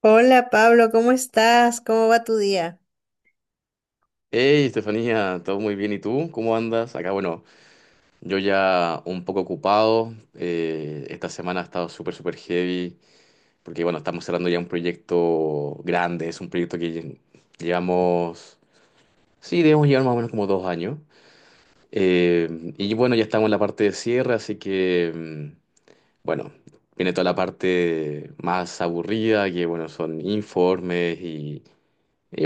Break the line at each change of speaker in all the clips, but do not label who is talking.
Hola Pablo, ¿cómo estás? ¿Cómo va tu día?
Hey, Estefanía, todo muy bien. ¿Y tú? ¿Cómo andas? Acá, bueno, yo ya un poco ocupado. Esta semana ha estado súper heavy, porque, bueno, estamos cerrando ya un proyecto grande. Es un proyecto que llevamos, sí, debemos llevar más o menos como dos años. eh, y bueno, ya estamos en la parte de cierre, así que, bueno, viene toda la parte más aburrida, que, bueno, son informes. Y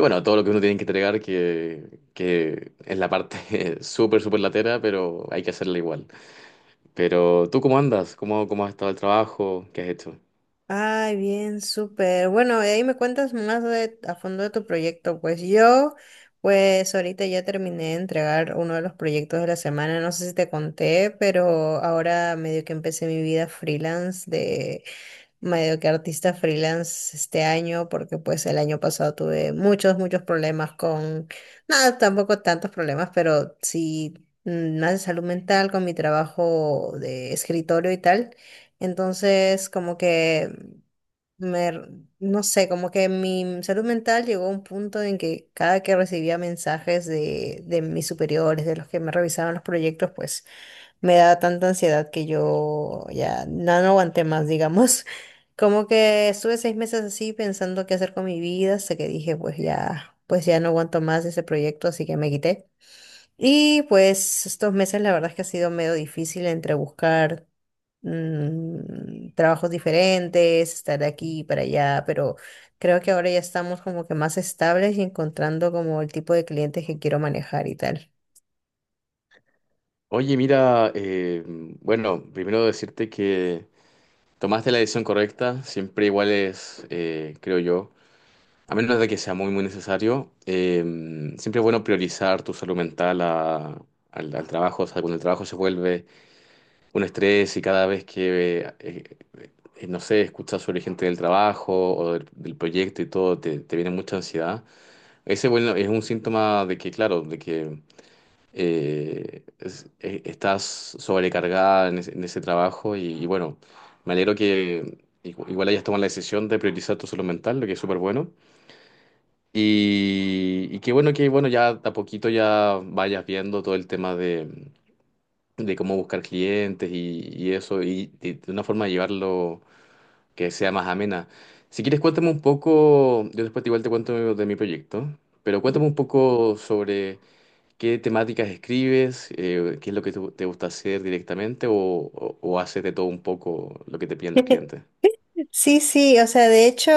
bueno, todo lo que uno tiene que entregar, que, es la parte súper latera, pero hay que hacerla igual. Pero tú, ¿cómo andas? ¿Cómo has estado el trabajo? ¿Qué has hecho?
Ay, bien, súper. Bueno, ahí me cuentas más de, a fondo de tu proyecto. Pues yo, pues ahorita ya terminé de entregar uno de los proyectos de la semana. No sé si te conté, pero ahora medio que empecé mi vida freelance medio que artista freelance este año, porque pues el año pasado tuve muchos, muchos problemas con, nada, tampoco tantos problemas, pero sí más de salud mental con mi trabajo de escritorio y tal. Entonces, como que me, r- no sé, como que mi salud mental llegó a un punto en que cada que recibía mensajes de mis superiores, de los que me revisaban los proyectos, pues me da tanta ansiedad que yo ya no aguanté más, digamos. Como que estuve seis meses así pensando qué hacer con mi vida, hasta que dije, pues ya no aguanto más ese proyecto, así que me quité. Y pues estos meses la verdad es que ha sido medio difícil entre buscar trabajos diferentes, estar de aquí y para allá, pero creo que ahora ya estamos como que más estables y encontrando como el tipo de clientes que quiero manejar y tal.
Oye, mira, bueno, primero decirte que tomaste la decisión correcta, siempre igual es, creo yo, a menos de que sea muy, muy necesario, siempre es bueno priorizar tu salud mental al, al trabajo, o sea, cuando el trabajo se vuelve un estrés y cada vez que, no sé, escuchas sobre gente del trabajo o del, del proyecto y todo, te viene mucha ansiedad. Ese, bueno, es un síntoma de que, claro, de que estás sobrecargada en ese trabajo y bueno, me alegro que igual hayas tomado la decisión de priorizar tu salud mental, lo que es súper bueno. Y qué bueno que, bueno, ya de a poquito ya vayas viendo todo el tema de cómo buscar clientes y eso, y de una forma de llevarlo que sea más amena. Si quieres, cuéntame un poco, yo después igual te cuento de mi proyecto, pero cuéntame un poco sobre qué temáticas escribes, qué es lo que te gusta hacer directamente o, o haces de todo un poco lo que te piden los clientes.
Sí, sí, o sea, de hecho,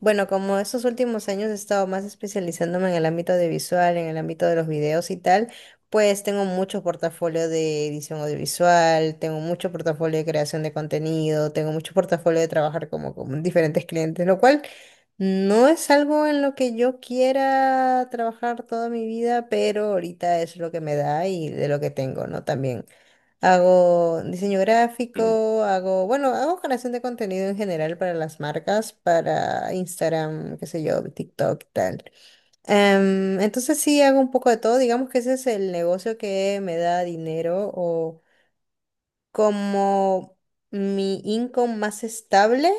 bueno, como estos últimos años he estado más especializándome en el ámbito audiovisual, en el ámbito de los videos y tal, pues tengo mucho portafolio de edición audiovisual, tengo mucho portafolio de creación de contenido, tengo mucho portafolio de trabajar como con diferentes clientes, lo cual no es algo en lo que yo quiera trabajar toda mi vida, pero ahorita es lo que me da y de lo que tengo, ¿no? También. Hago diseño
Ujú.
gráfico, hago, bueno, hago generación de contenido en general para las marcas, para Instagram, qué sé yo, TikTok y tal. Entonces sí hago un poco de todo, digamos que ese es el negocio que me da dinero o como mi income más estable,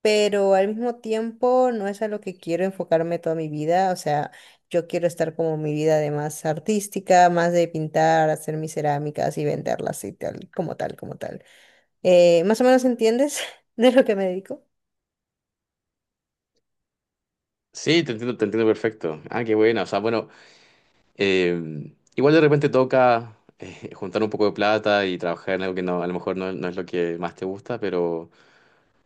pero al mismo tiempo no es a lo que quiero enfocarme toda mi vida. O sea, yo quiero estar como mi vida de más artística, más de pintar, hacer mis cerámicas y venderlas y tal, como tal, como tal. ¿Más o menos entiendes de lo que me dedico?
Sí, te entiendo perfecto. Ah, qué buena. O sea, bueno, igual de repente toca juntar un poco de plata y trabajar en algo que no, a lo mejor no, no es lo que más te gusta,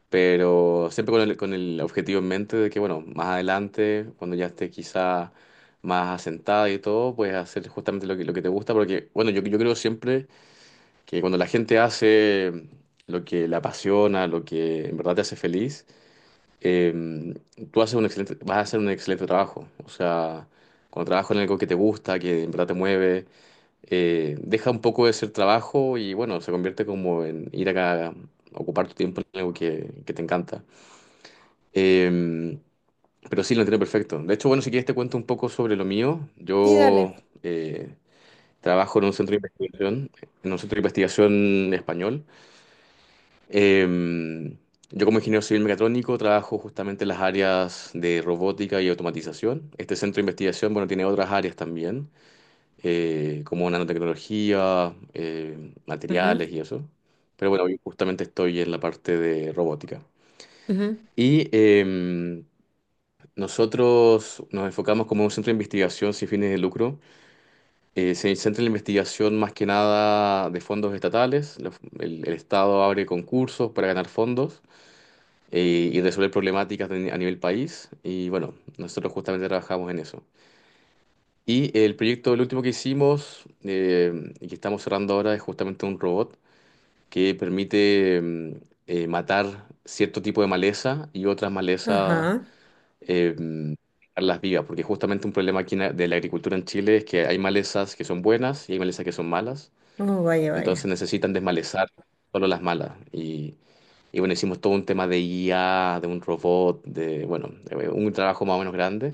pero siempre con el objetivo en mente de que, bueno, más adelante, cuando ya esté quizá más asentada y todo, puedes hacer justamente lo que te gusta, porque, bueno, yo creo siempre que cuando la gente hace lo que le apasiona, lo que en verdad te hace feliz, eh, tú haces un excelente, vas a hacer un excelente trabajo. O sea, cuando trabajas en algo que te gusta, que en verdad te mueve, deja un poco de ser trabajo y, bueno, se convierte como en ir acá a ocupar tu tiempo en algo que te encanta. Eh, pero sí, lo entiendo perfecto. De hecho, bueno, si quieres te cuento un poco sobre lo mío.
Sí,
Yo
dale.
eh, trabajo en un centro de investigación, en un centro de investigación español. Eh, yo como ingeniero civil mecatrónico trabajo justamente en las áreas de robótica y automatización. Este centro de investigación, bueno, tiene otras áreas también, como nanotecnología,
Ujú,
materiales y eso. Pero bueno, yo justamente estoy en la parte de robótica.
ujú.
Y... em, Nosotros nos enfocamos como un centro de investigación sin fines de lucro. Se centra en la investigación más que nada de fondos estatales. El, el Estado abre concursos para ganar fondos y resolver problemáticas a nivel país. Y bueno, nosotros justamente trabajamos en eso. Y el proyecto, el último que hicimos, y que estamos cerrando ahora, es justamente un robot que permite matar cierto tipo de maleza y otras malezas,
Ajá.
eh, las vivas, porque justamente un problema aquí en de la agricultura en Chile es que hay malezas que son buenas y hay malezas que son malas,
Oh, vaya,
entonces
vaya.
necesitan desmalezar solo las malas. Y bueno, hicimos todo un tema de IA, de un robot, de, bueno, un trabajo más o menos grande.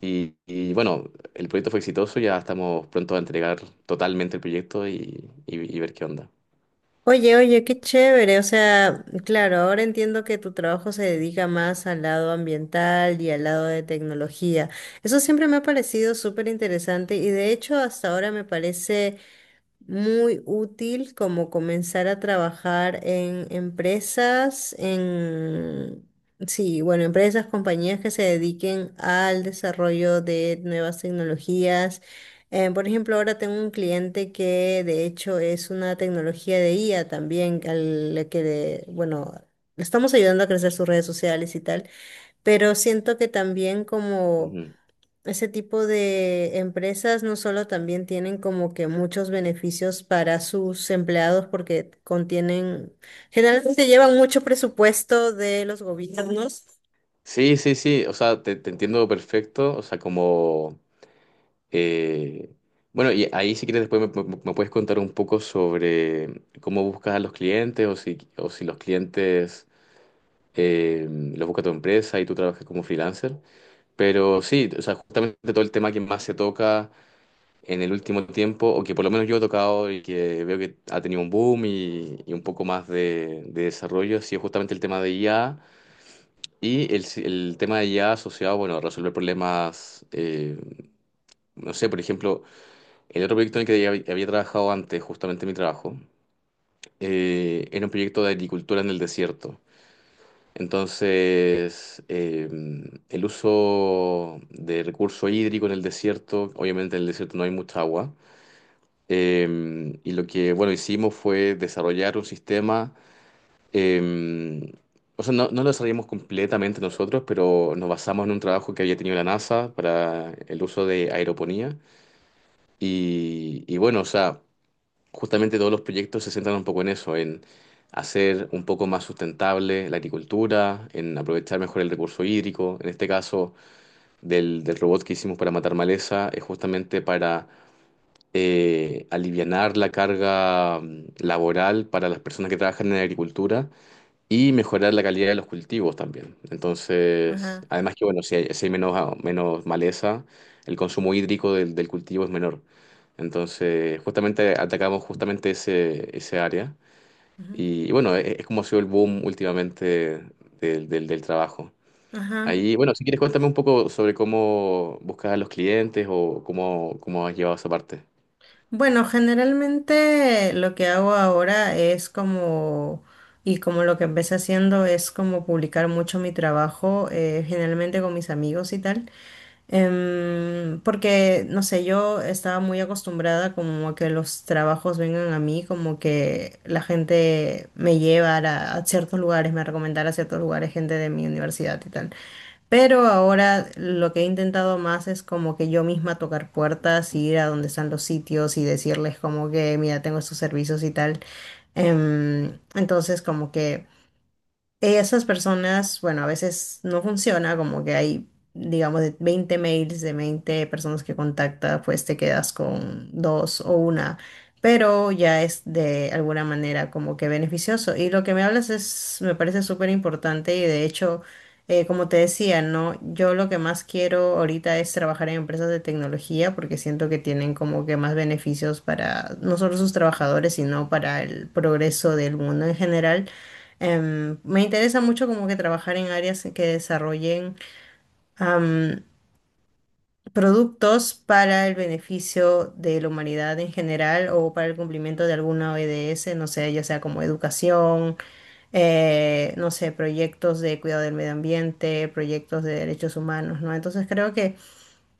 Y bueno, el proyecto fue exitoso, ya estamos pronto a entregar totalmente el proyecto y, y ver qué onda.
Oye, oye, qué chévere. O sea, claro, ahora entiendo que tu trabajo se dedica más al lado ambiental y al lado de tecnología. Eso siempre me ha parecido súper interesante y de hecho hasta ahora me parece muy útil como comenzar a trabajar en empresas, sí, bueno, empresas, compañías que se dediquen al desarrollo de nuevas tecnologías. Por ejemplo, ahora tengo un cliente que de hecho es una tecnología de IA también, al que, bueno, le estamos ayudando a crecer sus redes sociales y tal, pero siento que también como...
Ujú.
Ese tipo de empresas no solo también tienen como que muchos beneficios para sus empleados porque contienen, generalmente llevan mucho presupuesto de los gobiernos.
Sí, sí, sí, o sea, te entiendo perfecto, o sea, como... Eh, bueno, y ahí si quieres después me, me puedes contar un poco sobre cómo buscas a los clientes o si los clientes los busca tu empresa y tú trabajas como freelancer. Pero sí, o sea, justamente todo el tema que más se toca en el último tiempo, o que por lo menos yo he tocado y que veo que ha tenido un boom y un poco más de desarrollo, ha sido justamente el tema de IA y el tema de IA asociado, bueno, a resolver problemas, no sé, por ejemplo. El otro proyecto en el que ya había trabajado antes, justamente mi trabajo, era un proyecto de agricultura en el desierto. Entonces, el uso de recurso hídrico en el desierto, obviamente en el desierto no hay mucha agua, y lo que, bueno, hicimos fue desarrollar un sistema, eh, o sea, no, no lo desarrollamos completamente nosotros, pero nos basamos en un trabajo que había tenido la NASA para el uso de aeroponía. Y bueno, o sea... Justamente todos los proyectos se centran un poco en eso, en hacer un poco más sustentable la agricultura, en aprovechar mejor el recurso hídrico. En este caso, del, del robot que hicimos para matar maleza, es justamente para alivianar la carga laboral para las personas que trabajan en la agricultura y mejorar la calidad de los cultivos también. Entonces,
Ajá,
además que, bueno, si hay, si hay menos, ah, menos maleza, el consumo hídrico del, del cultivo es menor. Entonces, justamente atacamos justamente ese, ese área.
ajá,
Y bueno, es como ha sido el boom últimamente del, del trabajo.
ajá.
Ahí, bueno, si quieres cuéntame un poco sobre cómo buscas a los clientes o cómo, cómo has llevado esa parte
Bueno, generalmente lo que hago ahora es como, y como lo que empecé haciendo es como publicar mucho mi trabajo, generalmente con mis amigos y tal. Porque, no sé, yo estaba muy acostumbrada como a que los trabajos vengan a mí, como que la gente me llevara a ciertos lugares, me recomendara a ciertos lugares gente de mi universidad y tal. Pero ahora lo que he intentado más es como que yo misma tocar puertas, ir a donde están los sitios y decirles como que, mira, tengo estos servicios y tal. Entonces, como que... Esas personas, bueno, a veces no funciona, como que hay, digamos, de 20 mails de 20 personas que contacta, pues te quedas con dos o una, pero ya es de alguna manera como que beneficioso. Y lo que me hablas es, me parece súper importante y de hecho, como te decía, ¿no? Yo lo que más quiero ahorita es trabajar en empresas de tecnología porque siento que tienen como que más beneficios para no solo sus trabajadores, sino para el progreso del mundo en general. Me interesa mucho como que trabajar en áreas en que desarrollen am, productos para el beneficio de la humanidad en general o para el cumplimiento de alguna ODS, no sé, ya sea como educación, no sé, proyectos de cuidado del medio ambiente, proyectos de derechos humanos, ¿no? Entonces creo que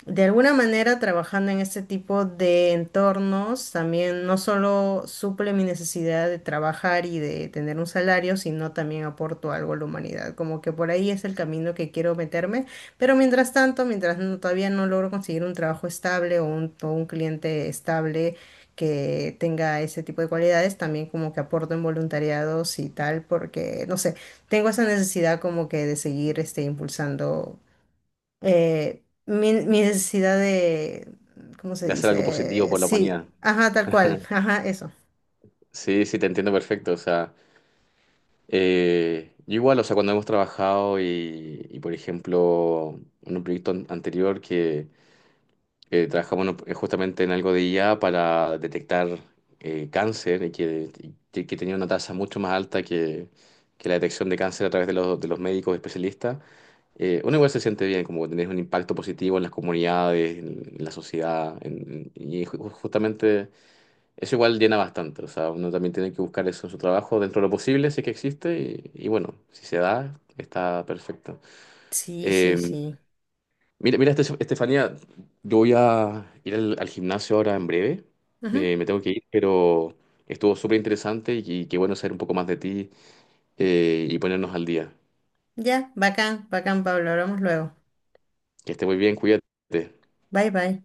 de alguna manera, trabajando en este tipo de entornos, también no solo suple mi necesidad de trabajar y de tener un salario, sino también aporto algo a la humanidad. Como que por ahí es el camino que quiero meterme, pero mientras tanto, mientras no- todavía no logro conseguir un trabajo estable o un cliente estable que tenga ese tipo de cualidades, también como que aporto en voluntariados y tal, porque, no sé, tengo esa necesidad como que de seguir este, impulsando mi necesidad de, ¿cómo se
de hacer algo positivo
dice?
por la
Sí,
humanidad.
ajá, tal cual, ajá, eso.
Sí, sí, te entiendo perfecto. O sea, yo igual, o sea, cuando hemos trabajado y, por ejemplo, en un proyecto anterior que trabajamos justamente en algo de IA para detectar cáncer y que tenía una tasa mucho más alta que la detección de cáncer a través de los médicos especialistas, uno igual se siente bien, como tener un impacto positivo en las comunidades, en la sociedad, y justamente... Eso igual llena bastante, o sea, uno también tiene que buscar eso en su trabajo dentro de lo posible, si es que existe, y bueno, si se da, está perfecto.
Sí, sí,
Eh,
sí.
Mira, mira, Estefanía, yo voy a ir al, al gimnasio ahora en breve,
Ujú.
me tengo que ir, pero estuvo súper interesante y qué bueno saber un poco más de ti, y ponernos al día.
Ya, bacán, bacán, Pablo, hablamos luego.
Que esté muy bien, cuídate.
Bye, bye.